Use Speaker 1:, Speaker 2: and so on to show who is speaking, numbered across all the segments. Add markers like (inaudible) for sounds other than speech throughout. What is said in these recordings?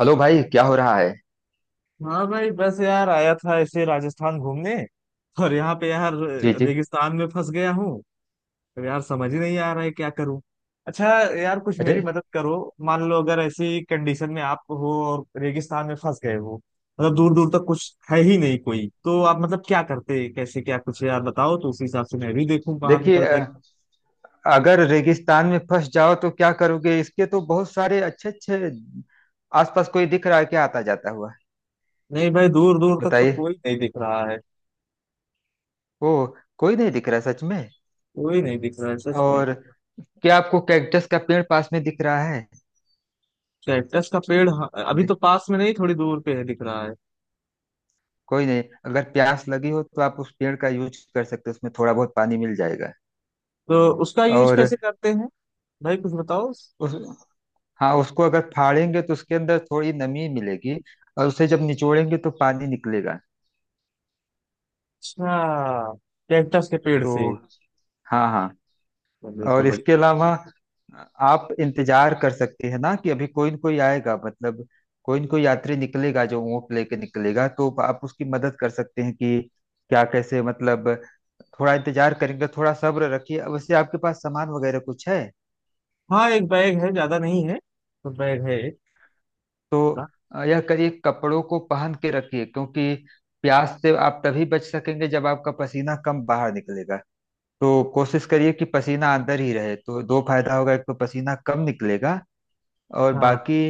Speaker 1: Hello भाई, क्या हो रहा है?
Speaker 2: हाँ भाई, बस यार आया था ऐसे राजस्थान घूमने। और यहाँ पे यार
Speaker 1: जी, जी।
Speaker 2: रेगिस्तान में फंस गया हूँ। अब यार समझ ही नहीं आ रहा है क्या करूँ। अच्छा, यार कुछ
Speaker 1: अरे,
Speaker 2: मेरी मदद करो। मान लो अगर ऐसी कंडीशन में आप हो और रेगिस्तान में फंस गए हो, मतलब दूर दूर तक कुछ है ही नहीं कोई, तो आप मतलब क्या करते, कैसे, क्या कुछ यार बताओ तो उसी हिसाब से मैं भी देखूँ बाहर
Speaker 1: देखिए,
Speaker 2: निकलने का।
Speaker 1: अगर रेगिस्तान में फंस जाओ तो क्या करोगे? इसके तो बहुत सारे अच्छे अच्छे। आसपास कोई दिख रहा है क्या, आता जाता हुआ?
Speaker 2: नहीं भाई, दूर दूर तक तो
Speaker 1: बताइए।
Speaker 2: कोई नहीं दिख रहा है।
Speaker 1: ओ, कोई नहीं दिख रहा सच में?
Speaker 2: कोई नहीं दिख रहा है सच में।
Speaker 1: और क्या आपको कैक्टस का पेड़ पास में दिख रहा है?
Speaker 2: कैक्टस का पेड़, हाँ, अभी तो
Speaker 1: दे-
Speaker 2: पास में नहीं, थोड़ी दूर पे है, दिख रहा है।
Speaker 1: कोई नहीं, अगर प्यास लगी हो तो आप उस पेड़ का यूज कर सकते हो, उसमें थोड़ा बहुत पानी मिल जाएगा।
Speaker 2: तो उसका यूज
Speaker 1: और
Speaker 2: कैसे करते हैं? भाई कुछ बताओ।
Speaker 1: उस हाँ, उसको अगर फाड़ेंगे तो उसके अंदर थोड़ी नमी मिलेगी और उसे जब निचोड़ेंगे तो पानी निकलेगा।
Speaker 2: अच्छा, कैक्टस के पेड़ से।
Speaker 1: तो हाँ, हाँ।
Speaker 2: चलो तो
Speaker 1: और इसके
Speaker 2: बढ़िया।
Speaker 1: अलावा आप इंतजार कर सकते हैं ना कि अभी कोई न कोई आएगा, मतलब कोई न कोई यात्री निकलेगा जो ऊँट लेके निकलेगा तो आप उसकी मदद कर सकते हैं कि क्या कैसे, मतलब थोड़ा इंतजार करेंगे, थोड़ा सब्र रखिए। अब वैसे आपके पास सामान वगैरह कुछ है
Speaker 2: हाँ, एक बैग है, ज्यादा नहीं है, तो बैग है एक
Speaker 1: तो
Speaker 2: बड़ा।
Speaker 1: यह करिए, कपड़ों को पहन के रखिए, क्योंकि प्यास से आप तभी बच सकेंगे जब आपका पसीना कम बाहर निकलेगा। तो कोशिश करिए कि पसीना अंदर ही रहे, तो दो फायदा होगा, एक तो पसीना कम निकलेगा और
Speaker 2: हाँ,
Speaker 1: बाकी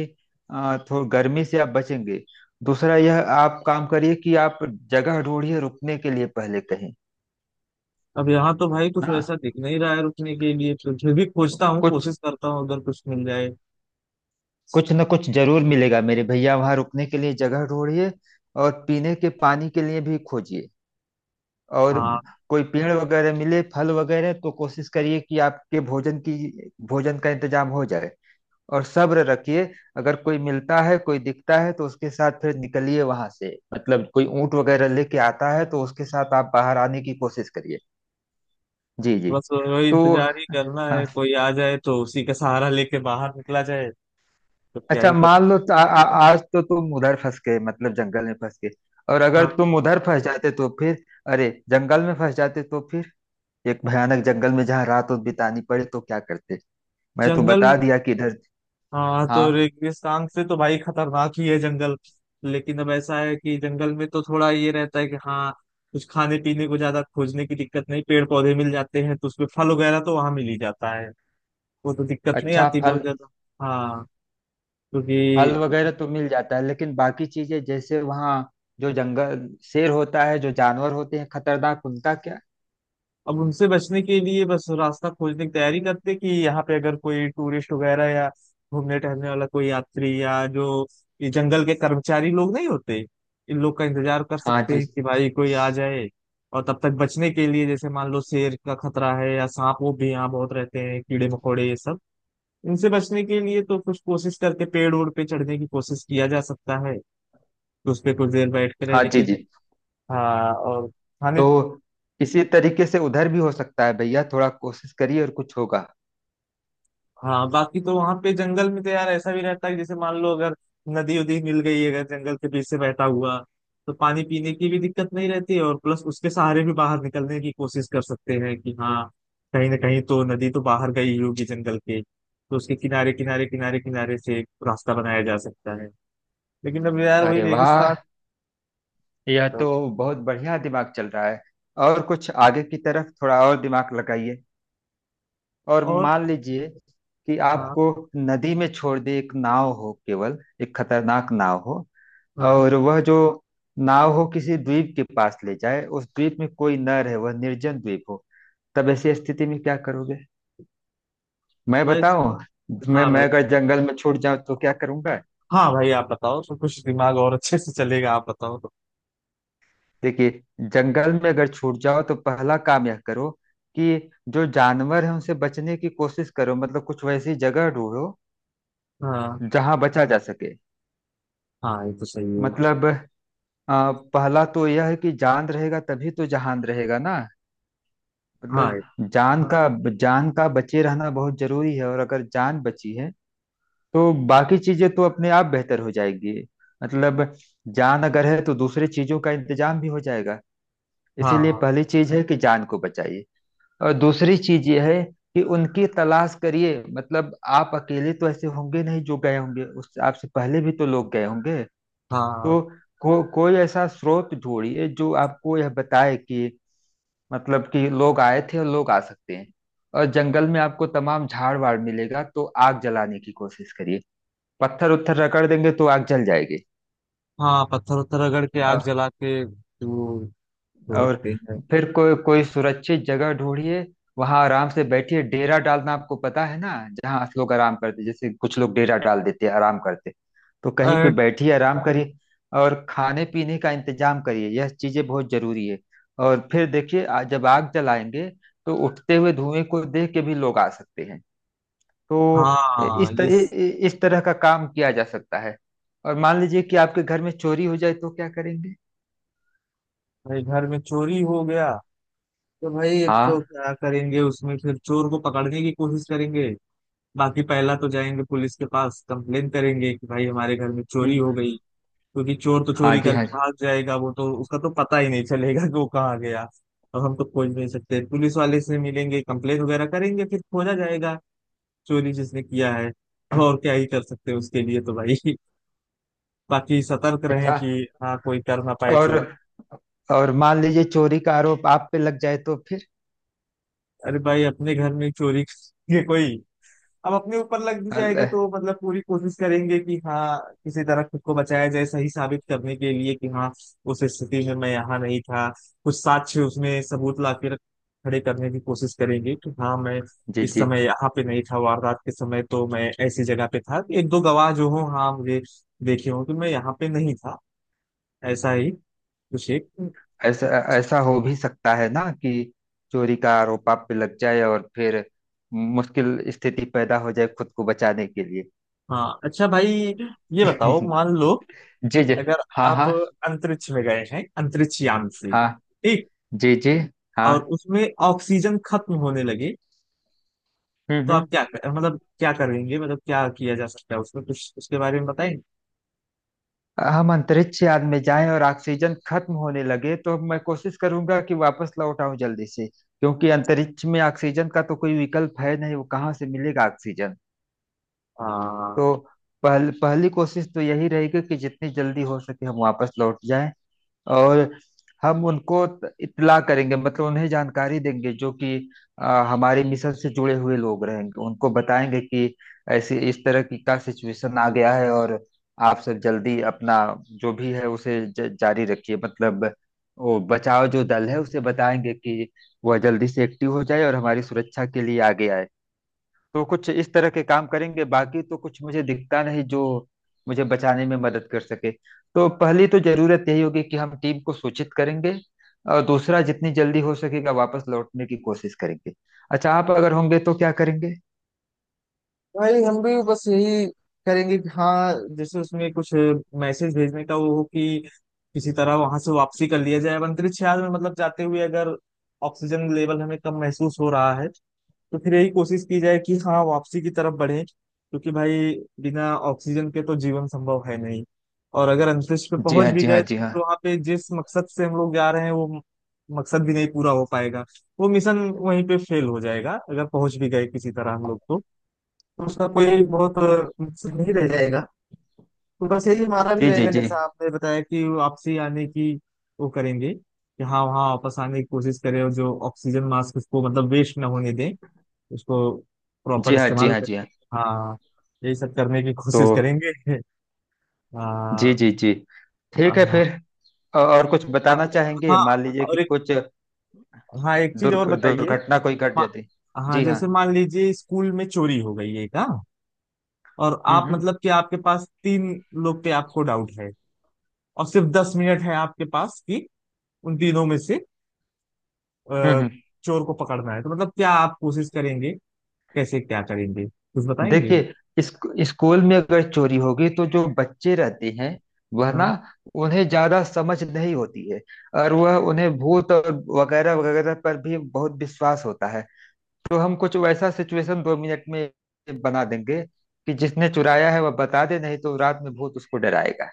Speaker 1: थोड़ा गर्मी से आप बचेंगे। दूसरा यह आप काम करिए कि आप जगह ढूंढिए रुकने के लिए पहले कहीं,
Speaker 2: अब यहाँ तो भाई कुछ
Speaker 1: ना
Speaker 2: वैसा दिख नहीं रहा है रुकने के लिए, तो फिर भी खोजता हूँ,
Speaker 1: कुछ
Speaker 2: कोशिश करता हूँ अगर कुछ मिल जाए।
Speaker 1: कुछ न कुछ जरूर मिलेगा मेरे भैया, वहां रुकने के लिए जगह ढूंढिए और पीने के पानी के लिए भी खोजिए। और
Speaker 2: हाँ,
Speaker 1: कोई पेड़ वगैरह मिले, फल वगैरह, तो कोशिश करिए कि आपके भोजन का इंतजाम हो जाए। और सब्र रखिए। अगर कोई मिलता है, कोई दिखता है, तो उसके साथ फिर निकलिए वहां से, मतलब कोई ऊंट वगैरह लेके आता है तो उसके साथ आप बाहर आने की कोशिश करिए। जी, जी।
Speaker 2: बस वही
Speaker 1: तो
Speaker 2: इंतजार ही करना
Speaker 1: हाँ।
Speaker 2: है, कोई आ जाए तो उसी का सहारा लेके बाहर निकला जाए। तो क्या
Speaker 1: अच्छा,
Speaker 2: ही कर
Speaker 1: मान
Speaker 2: सकते।
Speaker 1: लो तो आ, आ, आज तो तुम उधर फंस गए, मतलब जंगल में फंस गए। और अगर
Speaker 2: हाँ,
Speaker 1: तुम उधर फंस जाते तो फिर, अरे, जंगल में फंस जाते तो फिर, एक भयानक जंगल में जहाँ रात उत बितानी पड़े, तो क्या करते? मैं तो
Speaker 2: जंगल।
Speaker 1: बता दिया कि इधर।
Speaker 2: हाँ,
Speaker 1: हाँ,
Speaker 2: तो रेगिस्तान से तो भाई खतरनाक ही है जंगल। लेकिन अब ऐसा है कि जंगल में तो थोड़ा ये रहता है कि हाँ, कुछ खाने पीने को ज्यादा खोजने की दिक्कत नहीं, पेड़ पौधे मिल जाते हैं, तो उसमें फल वगैरह तो वहां मिल ही जाता है। वो तो दिक्कत नहीं
Speaker 1: अच्छा।
Speaker 2: आती बहुत
Speaker 1: फल
Speaker 2: ज्यादा। हाँ,
Speaker 1: फल
Speaker 2: क्योंकि
Speaker 1: वगैरह तो मिल जाता है, लेकिन बाकी चीजें जैसे वहाँ जो जंगल शेर होता है, जो जानवर होते हैं खतरनाक, उनका क्या?
Speaker 2: अब उनसे बचने के लिए बस रास्ता खोजने की तैयारी करते कि यहाँ पे अगर कोई टूरिस्ट वगैरह या घूमने टहलने वाला कोई यात्री, या जो ये जंगल के कर्मचारी लोग नहीं होते, इन लोग का इंतजार कर
Speaker 1: हाँ
Speaker 2: सकते
Speaker 1: जी,
Speaker 2: हैं कि भाई कोई आ जाए। और तब तक बचने के लिए जैसे मान लो शेर का खतरा है या सांप, वो भी यहाँ बहुत रहते हैं, कीड़े मकोड़े ये सब, इनसे बचने के लिए तो कुछ कोशिश करके पेड़ ओड़ पे चढ़ने की कोशिश किया जा सकता है। तो उस पे कुछ देर बैठ कर है।
Speaker 1: हाँ जी,
Speaker 2: लेकिन
Speaker 1: जी।
Speaker 2: हाँ, और खाने,
Speaker 1: तो इसी तरीके से उधर भी हो सकता है भैया, थोड़ा कोशिश करिए और कुछ होगा।
Speaker 2: हाँ बाकी तो वहां पे जंगल में तो यार ऐसा भी रहता है कि जैसे मान लो, अगर नदी उदी मिल गई अगर जंगल के बीच से बहता हुआ, तो पानी पीने की भी दिक्कत नहीं रहती, और प्लस उसके सहारे भी बाहर निकलने की कोशिश कर सकते हैं कि हाँ, कहीं ना कहीं तो नदी तो बाहर गई ही होगी जंगल के, तो उसके किनारे किनारे किनारे किनारे से एक रास्ता बनाया जा सकता है। लेकिन अब यार वही
Speaker 1: अरे
Speaker 2: रेगिस्तान।
Speaker 1: वाह, यह
Speaker 2: तो-
Speaker 1: तो बहुत बढ़िया, दिमाग चल रहा है। और कुछ आगे की तरफ थोड़ा और दिमाग लगाइए। और
Speaker 2: और
Speaker 1: मान लीजिए कि
Speaker 2: हाँ
Speaker 1: आपको नदी में छोड़ दे, एक नाव हो, केवल एक खतरनाक नाव हो,
Speaker 2: हाँ,
Speaker 1: और वह जो नाव हो किसी द्वीप के पास ले जाए, उस द्वीप में कोई न रहे, वह निर्जन द्वीप हो। तब ऐसी स्थिति में क्या करोगे? मैं
Speaker 2: वैसे
Speaker 1: बताऊं, मैं
Speaker 2: हाँ
Speaker 1: मैं
Speaker 2: भाई।
Speaker 1: अगर जंगल में छूट जाऊं तो क्या करूंगा।
Speaker 2: हाँ भाई आप बताओ तो कुछ दिमाग और अच्छे से चलेगा, आप बताओ तो।
Speaker 1: देखिए, जंगल में अगर छूट जाओ तो पहला काम यह करो कि जो जानवर है उनसे बचने की कोशिश करो, मतलब कुछ वैसी जगह ढूंढो
Speaker 2: हाँ
Speaker 1: जहां बचा जा सके।
Speaker 2: हाँ, ये तो सही है।
Speaker 1: मतलब पहला तो यह है कि जान रहेगा तभी तो जहान रहेगा ना।
Speaker 2: हाँ
Speaker 1: मतलब जान का बचे रहना बहुत जरूरी है, और अगर जान बची है तो बाकी चीजें तो अपने आप बेहतर हो जाएगी। मतलब जान अगर है तो दूसरी चीजों का इंतजाम भी हो जाएगा। इसीलिए
Speaker 2: हाँ।
Speaker 1: पहली चीज है कि जान को बचाइए। और दूसरी चीज ये है कि उनकी तलाश करिए, मतलब आप अकेले तो ऐसे होंगे नहीं, जो गए होंगे उस आपसे पहले भी तो लोग गए होंगे।
Speaker 2: हाँ
Speaker 1: तो कोई ऐसा स्रोत ढूंढिए जो आपको यह बताए कि, मतलब कि लोग आए थे और लोग आ सकते हैं। और जंगल में आपको तमाम झाड़ वाड़ मिलेगा तो आग जलाने की कोशिश करिए, पत्थर उत्थर रगड़ देंगे तो आग जल जाएगी।
Speaker 2: हाँ, पत्थर उत्थर रगड़ के आग
Speaker 1: अ,
Speaker 2: जला के वो तो
Speaker 1: और
Speaker 2: रखते हैं।
Speaker 1: फिर कोई, कोई सुरक्षित जगह ढूंढिए, वहां आराम से बैठिए। डेरा डालना आपको पता है ना, जहाँ लोग आराम करते, जैसे कुछ लोग डेरा डाल देते हैं आराम करते। तो कहीं पे
Speaker 2: अ,
Speaker 1: बैठिए आराम करिए, और खाने पीने का इंतजाम करिए, यह चीजें बहुत जरूरी है। और फिर देखिए जब आग जलाएंगे तो उठते हुए धुएं को देख के भी लोग आ सकते हैं। तो
Speaker 2: हाँ
Speaker 1: इस
Speaker 2: ये
Speaker 1: तरह, इस तरह का काम किया जा सकता है। और मान लीजिए कि आपके घर में चोरी हो जाए तो क्या करेंगे?
Speaker 2: भाई घर में चोरी हो गया तो भाई एक तो
Speaker 1: हाँ।
Speaker 2: क्या करेंगे उसमें, फिर चोर को पकड़ने की कोशिश करेंगे। बाकी पहला तो जाएंगे पुलिस के पास, कंप्लेन करेंगे कि भाई हमारे घर में चोरी हो
Speaker 1: हम्म।
Speaker 2: गई। क्योंकि चोर तो
Speaker 1: हाँ
Speaker 2: चोरी
Speaker 1: जी, हाँ
Speaker 2: करके
Speaker 1: जी।
Speaker 2: भाग जाएगा, वो तो उसका तो पता ही नहीं चलेगा कि वो कहाँ गया। अब हम तो खोज नहीं सकते, पुलिस वाले से मिलेंगे, कंप्लेन वगैरह करेंगे, फिर खोजा जाएगा चोरी जिसने किया है। तो और क्या ही कर सकते हैं उसके लिए तो भाई (laughs) बाकी सतर्क रहें
Speaker 1: अच्छा।
Speaker 2: कि हाँ, कोई कर ना पाए
Speaker 1: और
Speaker 2: चोरी।
Speaker 1: और मान लीजिए चोरी का आरोप आप पे लग जाए, तो फिर?
Speaker 2: अरे भाई, अपने घर में चोरी करेंगे कोई? अब अपने ऊपर लग भी जाएगा
Speaker 1: अल-
Speaker 2: तो मतलब पूरी कोशिश करेंगे कि हाँ, किसी तरह खुद को बचाया जाए, सही साबित करने के लिए कि हाँ, उस स्थिति में मैं यहाँ नहीं था। कुछ साक्ष्य, उसमें सबूत ला के खड़े करने की कोशिश करेंगे कि हाँ मैं
Speaker 1: जी,
Speaker 2: इस
Speaker 1: जी।
Speaker 2: समय यहाँ पे नहीं था, वारदात के समय तो मैं ऐसी जगह पे था, एक दो गवाह जो हो, हाँ मुझे देखे हो कि मैं यहाँ पे नहीं था। ऐसा ही कुछ एक।
Speaker 1: ऐसा ऐसा हो भी सकता है ना कि चोरी का आरोप आप पे लग जाए और फिर मुश्किल स्थिति पैदा हो जाए खुद को बचाने के लिए।
Speaker 2: हाँ अच्छा भाई, ये बताओ, मान लो
Speaker 1: (laughs) जी, जी।
Speaker 2: अगर
Speaker 1: हाँ,
Speaker 2: आप
Speaker 1: हाँ,
Speaker 2: अंतरिक्ष में गए हैं, अंतरिक्ष यान से,
Speaker 1: हाँ।
Speaker 2: ठीक,
Speaker 1: जी, जी। हाँ।
Speaker 2: और उसमें ऑक्सीजन खत्म होने लगे
Speaker 1: हम्म,
Speaker 2: तो आप
Speaker 1: हम्म।
Speaker 2: क्या कर मतलब क्या करेंगे, मतलब क्या किया जा सकता है उसमें कुछ, उसके बारे में बताएं।
Speaker 1: हम अंतरिक्ष यान में जाएं और ऑक्सीजन खत्म होने लगे, तो मैं कोशिश करूंगा कि वापस लौट आऊं जल्दी से, क्योंकि अंतरिक्ष में ऑक्सीजन का तो कोई विकल्प है नहीं, वो कहाँ से मिलेगा ऑक्सीजन?
Speaker 2: हाँ
Speaker 1: तो पहली कोशिश तो यही रहेगी कि जितनी जल्दी हो सके हम वापस लौट जाएं। और हम उनको इत्तला करेंगे, मतलब उन्हें जानकारी देंगे, जो कि हमारे मिशन से जुड़े हुए लोग रहेंगे, उनको बताएंगे कि ऐसे इस तरह की का सिचुएशन आ गया है, और आप सब जल्दी अपना जो भी है उसे जारी रखिए, मतलब वो बचाव जो दल है उसे बताएंगे कि वह जल्दी से एक्टिव हो जाए और हमारी सुरक्षा के लिए आगे आए। तो कुछ इस तरह के काम करेंगे, बाकी तो कुछ मुझे दिखता नहीं जो मुझे बचाने में मदद कर सके। तो पहली तो जरूरत यही होगी कि हम टीम को सूचित करेंगे, और दूसरा जितनी जल्दी हो सकेगा वापस लौटने की कोशिश करेंगे। अच्छा, आप अगर होंगे तो क्या करेंगे?
Speaker 2: भाई, हम भी बस यही करेंगे कि हाँ, जैसे उसमें कुछ मैसेज भेजने का वो हो, कि किसी तरह वहां से वापसी कर लिया जाए। अब अंतरिक्ष यान में मतलब जाते हुए अगर ऑक्सीजन लेवल हमें कम महसूस हो रहा है तो फिर यही कोशिश की जाए कि हाँ, वापसी की तरफ बढ़े। क्योंकि भाई बिना ऑक्सीजन के तो जीवन संभव है नहीं। और अगर अंतरिक्ष पे
Speaker 1: जी
Speaker 2: पहुंच
Speaker 1: हाँ,
Speaker 2: भी
Speaker 1: जी हाँ,
Speaker 2: गए तो
Speaker 1: जी हाँ।
Speaker 2: फिर वहां पे जिस मकसद से हम लोग जा रहे हैं वो मकसद भी नहीं पूरा हो पाएगा। वो मिशन वहीं पे फेल हो जाएगा। अगर पहुंच भी गए किसी तरह हम लोग तो उसका कोई बहुत मकसद नहीं रह जाएगा। तो बस यही हमारा भी
Speaker 1: जी, जी,
Speaker 2: रहेगा
Speaker 1: जी।
Speaker 2: जैसा आपने बताया कि वापसी आने की, वो करेंगे कि हाँ वहाँ वापस आने की कोशिश करें। और जो ऑक्सीजन मास्क उसको, मतलब वेस्ट ना होने दें, उसको प्रॉपर
Speaker 1: जी हाँ, जी
Speaker 2: इस्तेमाल
Speaker 1: हाँ, जी
Speaker 2: करें।
Speaker 1: हाँ।
Speaker 2: हाँ, यही सब करने की
Speaker 1: तो
Speaker 2: कोशिश करेंगे (laughs)
Speaker 1: जी,
Speaker 2: हाँ
Speaker 1: जी, जी।
Speaker 2: हाँ
Speaker 1: ठीक है
Speaker 2: हाँ
Speaker 1: फिर, और कुछ बताना चाहेंगे,
Speaker 2: हाँ,
Speaker 1: मान लीजिए कि
Speaker 2: और एक,
Speaker 1: कुछ
Speaker 2: हाँ एक चीज और बताइए।
Speaker 1: दुर्घटना कोई घट
Speaker 2: मा-
Speaker 1: जाती?
Speaker 2: हाँ,
Speaker 1: जी हाँ।
Speaker 2: जैसे मान लीजिए स्कूल में चोरी हो गई एक, हाँ, और
Speaker 1: हम्म,
Speaker 2: आप
Speaker 1: हम्म।
Speaker 2: मतलब कि आपके पास तीन लोग पे आपको डाउट है, और सिर्फ 10 मिनट है आपके पास कि उन तीनों में से
Speaker 1: हम्म,
Speaker 2: अ, चोर को पकड़ना है, तो मतलब क्या आप कोशिश करेंगे, कैसे क्या करेंगे, कुछ बताएंगे।
Speaker 1: देखिए, स्कूल में अगर चोरी होगी, तो जो बच्चे रहते हैं वह ना,
Speaker 2: हाँ।
Speaker 1: उन्हें ज्यादा समझ नहीं होती है, और वह, उन्हें भूत और वगैरह वगैरह पर भी बहुत विश्वास होता है। तो हम कुछ वैसा सिचुएशन 2 मिनट में बना देंगे कि जिसने चुराया है वह बता दे, नहीं तो रात में भूत उसको डराएगा।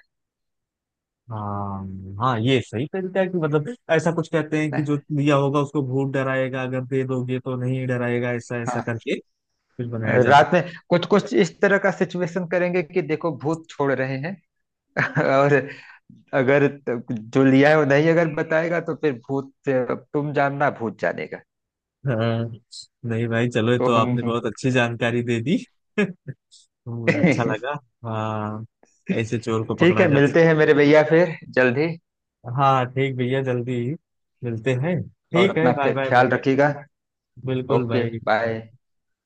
Speaker 2: हाँ हाँ, ये सही तरीका है कि मतलब ऐसा कुछ कहते हैं कि
Speaker 1: ना?
Speaker 2: जो दिया होगा उसको भूत डराएगा, अगर दे दोगे तो नहीं डराएगा, ऐसा ऐसा
Speaker 1: हाँ,
Speaker 2: करके कुछ बनाया जा
Speaker 1: रात में
Speaker 2: सकता
Speaker 1: कुछ कुछ इस तरह का सिचुएशन करेंगे कि देखो भूत छोड़ रहे हैं, और अगर जो लिया है वो नहीं अगर बताएगा तो फिर भूत, तुम जानना भूत जानेगा।
Speaker 2: है। हाँ, नहीं भाई चलो ये
Speaker 1: तो
Speaker 2: तो
Speaker 1: हम
Speaker 2: आपने बहुत अच्छी जानकारी दे दी (laughs) अच्छा लगा।
Speaker 1: (laughs)
Speaker 2: हाँ ऐसे चोर को
Speaker 1: ठीक
Speaker 2: पकड़ा
Speaker 1: है,
Speaker 2: जा
Speaker 1: मिलते
Speaker 2: सकता
Speaker 1: हैं मेरे भैया फिर जल्दी,
Speaker 2: है। हाँ ठीक भैया, जल्दी मिलते हैं।
Speaker 1: और
Speaker 2: ठीक है,
Speaker 1: अपना
Speaker 2: बाय बाय
Speaker 1: ख्याल
Speaker 2: भाई।
Speaker 1: रखिएगा।
Speaker 2: बिल्कुल
Speaker 1: ओके,
Speaker 2: भाई,
Speaker 1: बाय।
Speaker 2: bye।